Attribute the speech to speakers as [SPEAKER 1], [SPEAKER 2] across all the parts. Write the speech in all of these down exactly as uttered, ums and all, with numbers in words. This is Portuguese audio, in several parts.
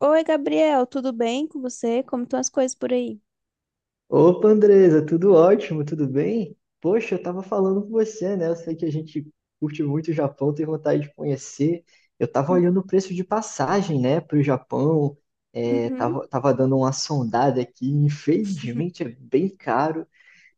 [SPEAKER 1] Oi, Gabriel, tudo bem com você? Como estão as coisas por aí?
[SPEAKER 2] Opa, Andresa, tudo ótimo, tudo bem? Poxa, eu tava falando com você, né? Eu sei que a gente curte muito o Japão, tem vontade de conhecer. Eu tava
[SPEAKER 1] Hum,
[SPEAKER 2] olhando o preço de passagem, né, para o Japão, é,
[SPEAKER 1] Uhum,
[SPEAKER 2] tava, tava dando uma sondada aqui. Infelizmente é bem caro.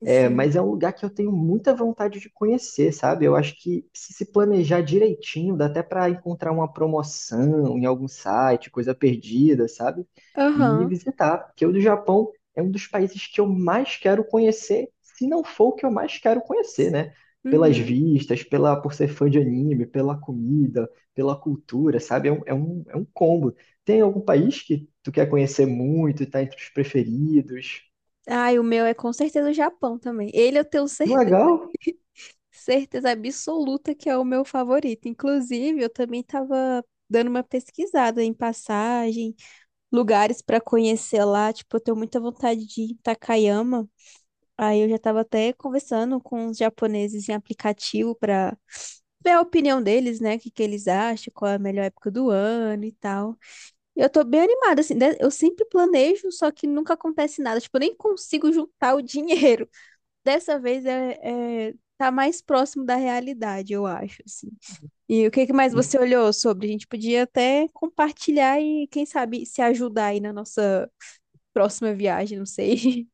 [SPEAKER 2] É,
[SPEAKER 1] sim.
[SPEAKER 2] mas é um lugar que eu tenho muita vontade de conhecer, sabe? Eu acho que se se planejar direitinho, dá até para encontrar uma promoção em algum site, coisa perdida, sabe? E
[SPEAKER 1] Aham.
[SPEAKER 2] visitar, porque o do Japão é um dos países que eu mais quero conhecer, se não for o que eu mais quero conhecer, né? Pelas
[SPEAKER 1] Uhum.
[SPEAKER 2] vistas, pela, por ser fã de anime, pela comida, pela cultura, sabe? É um, é um, é um combo. Tem algum país que tu quer conhecer muito e tá entre os preferidos?
[SPEAKER 1] Ai, o meu é com certeza o Japão também. Ele eu tenho
[SPEAKER 2] Que
[SPEAKER 1] certe-
[SPEAKER 2] legal!
[SPEAKER 1] certeza absoluta que é o meu favorito. Inclusive, eu também estava dando uma pesquisada em passagem, lugares para conhecer lá. Tipo, eu tenho muita vontade de ir em Takayama. Aí eu já estava até conversando com os japoneses em aplicativo para ver a opinião deles, né? O que que eles acham, qual é a melhor época do ano e tal. E eu tô bem animada, assim, de- eu sempre planejo, só que nunca acontece nada. Tipo, eu nem consigo juntar o dinheiro. Dessa vez é, é- tá mais próximo da realidade, eu acho, assim. E o que que mais você olhou sobre? A gente podia até compartilhar e, quem sabe, se ajudar aí na nossa próxima viagem, não sei.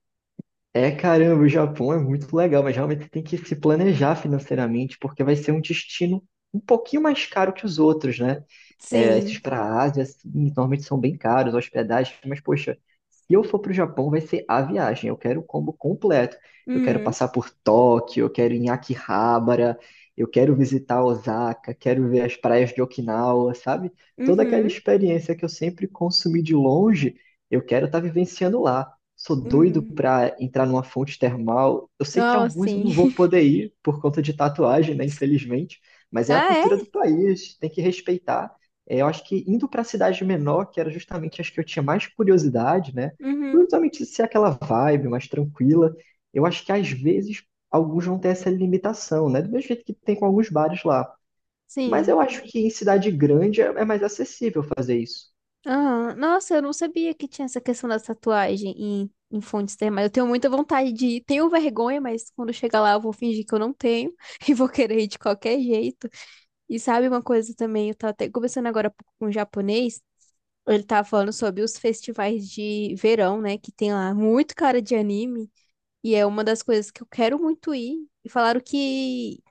[SPEAKER 2] É, caramba, o Japão é muito legal, mas realmente tem que se planejar financeiramente, porque vai ser um destino um pouquinho mais caro que os outros, né? É, esses
[SPEAKER 1] Sim.
[SPEAKER 2] para a Ásia, assim, normalmente são bem caros, hospedagem, mas, poxa, se eu for para o Japão, vai ser a viagem. Eu quero o combo completo. Eu quero
[SPEAKER 1] Uhum.
[SPEAKER 2] passar por Tóquio, eu quero ir em Akihabara, eu quero visitar Osaka, quero ver as praias de Okinawa, sabe? Toda aquela
[SPEAKER 1] Uhum.
[SPEAKER 2] experiência que eu sempre consumi de longe, eu quero estar vivenciando lá. Sou doido
[SPEAKER 1] Uhum.
[SPEAKER 2] para entrar numa fonte termal. Eu sei que
[SPEAKER 1] Oh,
[SPEAKER 2] alguns eu não
[SPEAKER 1] sim.
[SPEAKER 2] vou poder ir por conta de tatuagem, né? Infelizmente, mas é a
[SPEAKER 1] Ah, é?
[SPEAKER 2] cultura do país, tem que respeitar. É, eu acho que indo para a cidade menor, que era justamente as que eu tinha mais curiosidade, né?
[SPEAKER 1] Uhum.
[SPEAKER 2] Justamente ser aquela vibe mais tranquila. Eu acho que às vezes alguns vão ter essa limitação, né? Do mesmo jeito que tem com alguns bares lá. Mas
[SPEAKER 1] Sim.
[SPEAKER 2] eu acho que em cidade grande é é mais acessível fazer isso.
[SPEAKER 1] Ah, nossa, eu não sabia que tinha essa questão da tatuagem em, em fontes termais. Eu tenho muita vontade de ir. Tenho vergonha, mas quando chegar lá eu vou fingir que eu não tenho e vou querer ir de qualquer jeito. E sabe uma coisa também? Eu tava até conversando agora há pouco com um japonês. Ele tava falando sobre os festivais de verão, né? Que tem lá muito cara de anime. E é uma das coisas que eu quero muito ir. E falaram que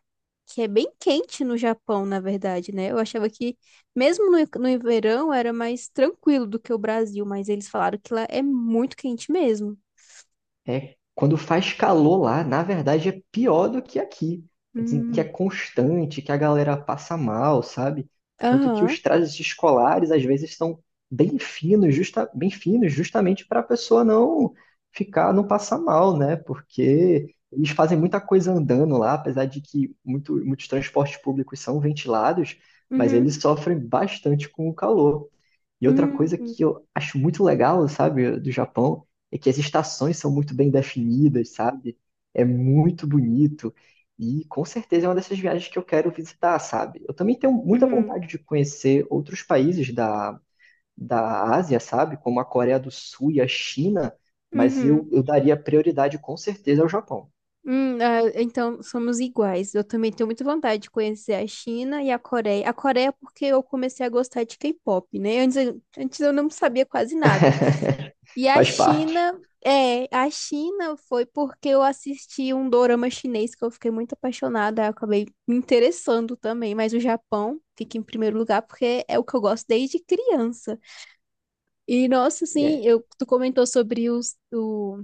[SPEAKER 1] que é bem quente no Japão, na verdade, né? Eu achava que, mesmo no, no verão, era mais tranquilo do que o Brasil, mas eles falaram que lá é muito quente mesmo.
[SPEAKER 2] É, quando faz calor lá, na verdade é pior do que aqui. Dizem que é
[SPEAKER 1] Hum,
[SPEAKER 2] constante, que a galera passa mal, sabe? Tanto que
[SPEAKER 1] aham,
[SPEAKER 2] os trajes escolares às vezes são bem finos, justa, bem finos, justamente para a pessoa não ficar, não passar mal, né? Porque eles fazem muita coisa andando lá, apesar de que muito, muitos transportes públicos são ventilados, mas
[SPEAKER 1] uhum,
[SPEAKER 2] eles sofrem bastante com o calor. E outra coisa
[SPEAKER 1] uhum,
[SPEAKER 2] que eu acho muito legal, sabe, do Japão, é que as estações são muito bem definidas, sabe? É muito bonito. E com certeza é uma dessas viagens que eu quero visitar, sabe? Eu também tenho muita
[SPEAKER 1] uhum,
[SPEAKER 2] vontade de conhecer outros países da, da Ásia, sabe? Como a Coreia do Sul e a China, mas
[SPEAKER 1] uhum,
[SPEAKER 2] eu, eu daria prioridade com certeza ao Japão.
[SPEAKER 1] hum, ah, então, somos iguais. Eu também tenho muita vontade de conhecer a China e a Coreia. A Coreia porque eu comecei a gostar de K-pop, né? Antes, eu- antes eu não sabia quase nada. E a
[SPEAKER 2] Faz parte.
[SPEAKER 1] China, é, a China foi porque eu assisti um dorama chinês que eu fiquei muito apaixonada, aí eu acabei me interessando também, mas o Japão fica em primeiro lugar porque é o que eu gosto desde criança. E nossa, assim,
[SPEAKER 2] É.
[SPEAKER 1] eu, tu comentou sobre os, o,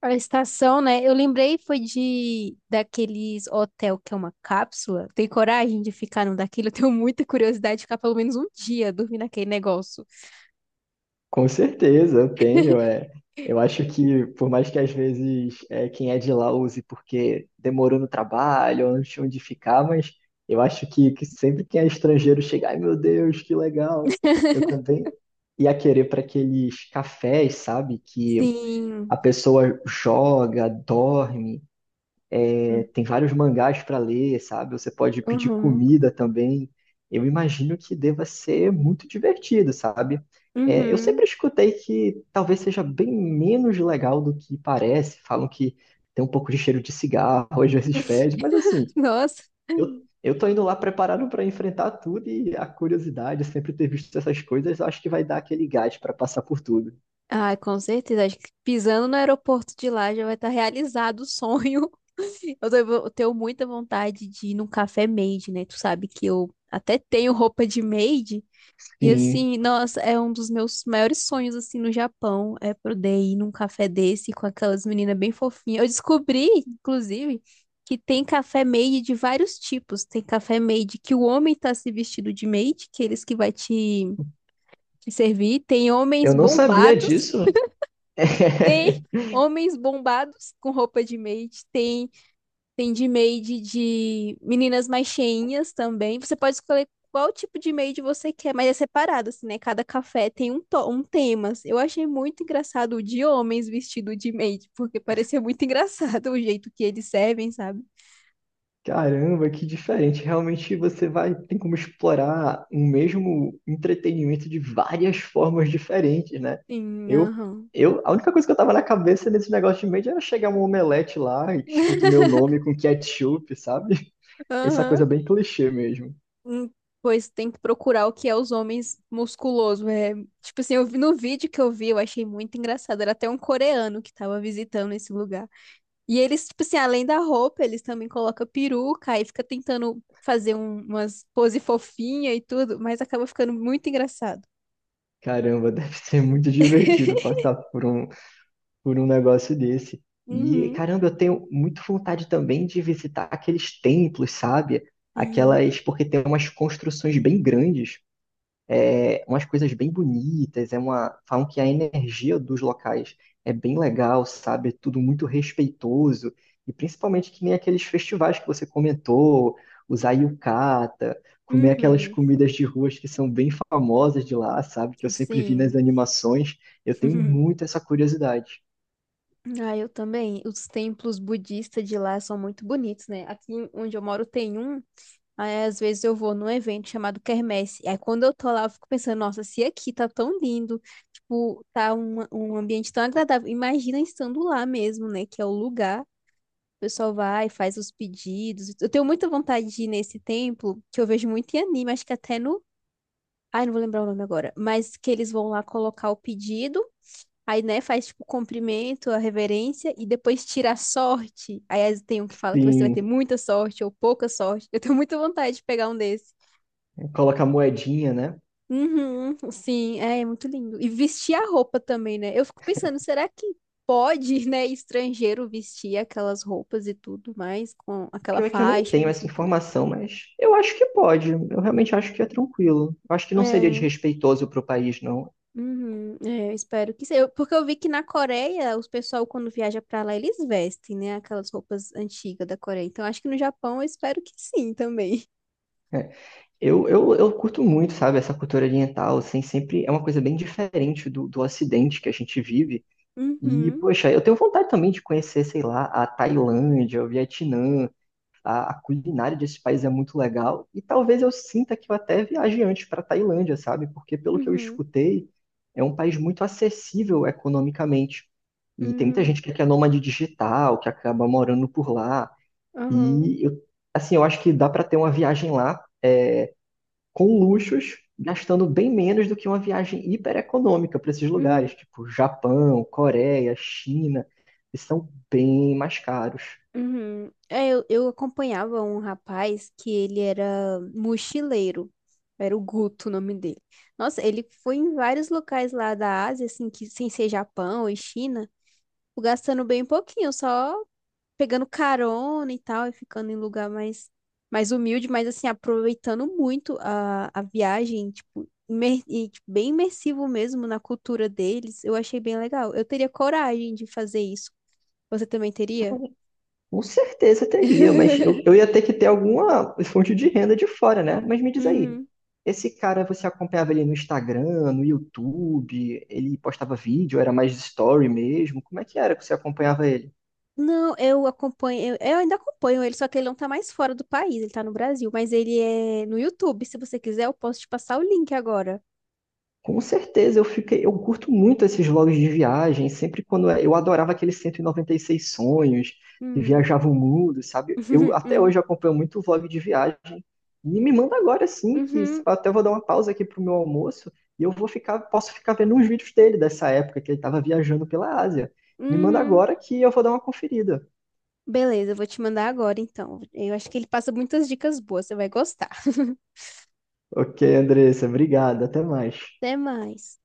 [SPEAKER 1] a estação, né? Eu lembrei foi de daqueles hotel que é uma cápsula. Tem coragem de ficar num daquilo? Eu tenho muita curiosidade de ficar pelo menos um dia dormindo naquele negócio.
[SPEAKER 2] Com certeza, eu tenho. É. Eu acho que, por mais que às vezes é, quem é de lá use porque demorou no trabalho, ou não tinha onde ficar, mas eu acho que, que sempre quem é estrangeiro chega, ai meu Deus, que legal. Eu também ia querer para aqueles cafés, sabe? Que
[SPEAKER 1] Sim.
[SPEAKER 2] a pessoa joga, dorme. Tem vários mangás para ler, sabe? Você pode pedir
[SPEAKER 1] Uhum.
[SPEAKER 2] comida também. Eu imagino que deva ser muito divertido, sabe? É, eu sempre
[SPEAKER 1] Uhum.
[SPEAKER 2] escutei que talvez seja bem menos legal do que parece. Falam que tem um pouco de cheiro de cigarro, às vezes fede, mas assim,
[SPEAKER 1] Nossa.
[SPEAKER 2] eu, eu tô indo lá preparado para enfrentar tudo e a curiosidade, sempre ter visto essas coisas, eu acho que vai dar aquele gás para passar por tudo.
[SPEAKER 1] Ai, com certeza. Acho que pisando no aeroporto de lá já vai estar realizado o sonho. Eu tenho eu tenho muita vontade de ir num café made, né? Tu sabe que eu até tenho roupa de made. E
[SPEAKER 2] Sim,
[SPEAKER 1] assim, nossa, é um dos meus maiores sonhos, assim, no Japão, é poder ir num café desse com aquelas meninas bem fofinhas. Eu descobri, inclusive, que tem café made de vários tipos. Tem café made que o homem tá se vestido de maid, que é eles que vai te servir. Tem homens
[SPEAKER 2] eu não sabia
[SPEAKER 1] bombados,
[SPEAKER 2] disso.
[SPEAKER 1] tem homens bombados com roupa de maid, tem, tem de maid de meninas mais cheinhas também. Você pode escolher qual tipo de maid você quer, mas é separado, assim, né? Cada café tem um, to- um tema. Assim. Eu achei muito engraçado o de homens vestido de maid, porque parecia muito engraçado o jeito que eles servem, sabe?
[SPEAKER 2] Caramba, que diferente. Realmente você vai, tem como explorar um mesmo entretenimento de várias formas diferentes, né?
[SPEAKER 1] Sim,
[SPEAKER 2] Eu,
[SPEAKER 1] aham.
[SPEAKER 2] eu, a única coisa que eu tava na cabeça nesse negócio de mídia era chegar um omelete lá, escrito meu nome com ketchup, sabe? Essa coisa
[SPEAKER 1] Aham.
[SPEAKER 2] bem clichê mesmo.
[SPEAKER 1] Hum, Pois tem que procurar o que é os homens musculosos. É, tipo assim, eu vi no vídeo que eu vi, eu achei muito engraçado. Era até um coreano que tava visitando esse lugar. E eles, tipo assim, além da roupa, eles também colocam peruca e fica tentando fazer um- umas pose fofinha e tudo, mas acaba ficando muito engraçado.
[SPEAKER 2] Caramba, deve ser muito divertido passar por um, por um negócio desse. E
[SPEAKER 1] Uhum,
[SPEAKER 2] caramba, eu tenho muita vontade também de visitar aqueles templos, sabe?
[SPEAKER 1] sim.
[SPEAKER 2] Aquelas, porque tem umas construções bem grandes. É, umas coisas bem bonitas, é uma, falam que a energia dos locais é bem legal, sabe? É tudo muito respeitoso, e principalmente que nem aqueles festivais que você comentou, usar yukata, comer aquelas
[SPEAKER 1] Uhum,
[SPEAKER 2] comidas de ruas que são bem famosas de lá, sabe? Que eu sempre vi nas
[SPEAKER 1] sim.
[SPEAKER 2] animações, eu tenho muito essa curiosidade.
[SPEAKER 1] Ah, eu também. Os templos budistas de lá são muito bonitos, né? Aqui onde eu moro tem um. Aí, às vezes eu vou num evento chamado Quermesse. Aí quando eu tô lá, eu fico pensando, nossa, se aqui tá tão lindo, tipo, tá um, um ambiente tão agradável. Imagina estando lá mesmo, né? Que é o lugar. O pessoal vai, faz os pedidos. Eu tenho muita vontade de ir nesse templo, que eu vejo muito em anime, acho que até no. Ai, não vou lembrar o nome agora. Mas que eles vão lá colocar o pedido. Aí, né, faz tipo o cumprimento, a reverência e depois tira a sorte. Aí às tem um que fala que você vai ter
[SPEAKER 2] Sim,
[SPEAKER 1] muita sorte ou pouca sorte. Eu tenho muita vontade de pegar um desses.
[SPEAKER 2] coloca a moedinha, né?
[SPEAKER 1] Uhum, sim, é, é muito lindo. E vestir a roupa também, né? Eu fico pensando, será que pode, né, estrangeiro vestir aquelas roupas e tudo mais, com
[SPEAKER 2] O
[SPEAKER 1] aquela
[SPEAKER 2] pior é que eu nem
[SPEAKER 1] faixa
[SPEAKER 2] tenho
[SPEAKER 1] na
[SPEAKER 2] essa
[SPEAKER 1] cintura?
[SPEAKER 2] informação, mas eu acho que pode. Eu realmente acho que é tranquilo. Eu acho que não seria
[SPEAKER 1] É,
[SPEAKER 2] desrespeitoso para o país, não.
[SPEAKER 1] uhum, é, eu espero que seja. Eu- Porque eu vi que na Coreia, os pessoal, quando viaja pra lá, eles vestem, né, aquelas roupas antigas da Coreia. Então, acho que no Japão, eu espero que sim também.
[SPEAKER 2] É, eu, eu, eu curto muito, sabe, essa cultura oriental, assim, sempre é uma coisa bem diferente do, do Ocidente que a gente vive. E,
[SPEAKER 1] Uhum,
[SPEAKER 2] poxa, eu tenho vontade também de conhecer, sei lá, a Tailândia, o Vietnã, a, a culinária desse país é muito legal. E talvez eu sinta que eu até viaje antes para Tailândia, sabe? Porque, pelo que eu
[SPEAKER 1] uhum,
[SPEAKER 2] escutei, é um país muito acessível economicamente. E tem muita
[SPEAKER 1] uhum,
[SPEAKER 2] gente que é nômade digital, que acaba morando por lá.
[SPEAKER 1] uhum,
[SPEAKER 2] E eu, assim, eu acho que dá para ter uma viagem lá com luxos, gastando bem menos do que uma viagem hiper econômica para esses
[SPEAKER 1] uhum.
[SPEAKER 2] lugares, tipo Japão, Coreia, China, que são bem mais caros.
[SPEAKER 1] Uhum. É, Eu, eu acompanhava um rapaz que ele era mochileiro. Era o Guto o nome dele. Nossa, ele foi em vários locais lá da Ásia, assim, que sem ser Japão e China, gastando bem pouquinho, só pegando carona e tal, e ficando em lugar mais, mais humilde, mas assim, aproveitando muito a, a viagem, tipo, imer- e, tipo, bem imersivo mesmo na cultura deles. Eu achei bem legal. Eu teria coragem de fazer isso. Você também teria?
[SPEAKER 2] Com certeza teria, mas eu, eu ia ter que ter alguma fonte de renda de fora, né? Mas me diz aí,
[SPEAKER 1] Uhum.
[SPEAKER 2] esse cara você acompanhava ele no Instagram, no YouTube, ele postava vídeo, era mais story mesmo? Como é que era que você acompanhava ele?
[SPEAKER 1] Não, eu acompanho, eu, eu ainda acompanho ele, só que ele não tá mais fora do país, ele tá no Brasil, mas ele é no YouTube. Se você quiser, eu posso te passar o link agora.
[SPEAKER 2] Com certeza, eu fiquei, eu curto muito esses vlogs de viagem, sempre quando é, eu adorava aqueles cento e e noventa e seis sonhos, que
[SPEAKER 1] Hum.
[SPEAKER 2] viajava o mundo, sabe? Eu até hoje acompanho muito vlog de viagem. E me manda agora sim, que
[SPEAKER 1] Uhum,
[SPEAKER 2] se
[SPEAKER 1] uhum,
[SPEAKER 2] pá, até vou dar uma pausa aqui pro meu almoço e eu vou ficar, posso ficar vendo uns vídeos dele dessa época que ele estava viajando pela Ásia. Me manda
[SPEAKER 1] uhum.
[SPEAKER 2] agora que eu vou dar uma conferida.
[SPEAKER 1] Beleza, eu vou te mandar agora então. Eu acho que ele passa muitas dicas boas, você vai gostar.
[SPEAKER 2] Ok, Andressa, obrigado, até mais.
[SPEAKER 1] Até mais.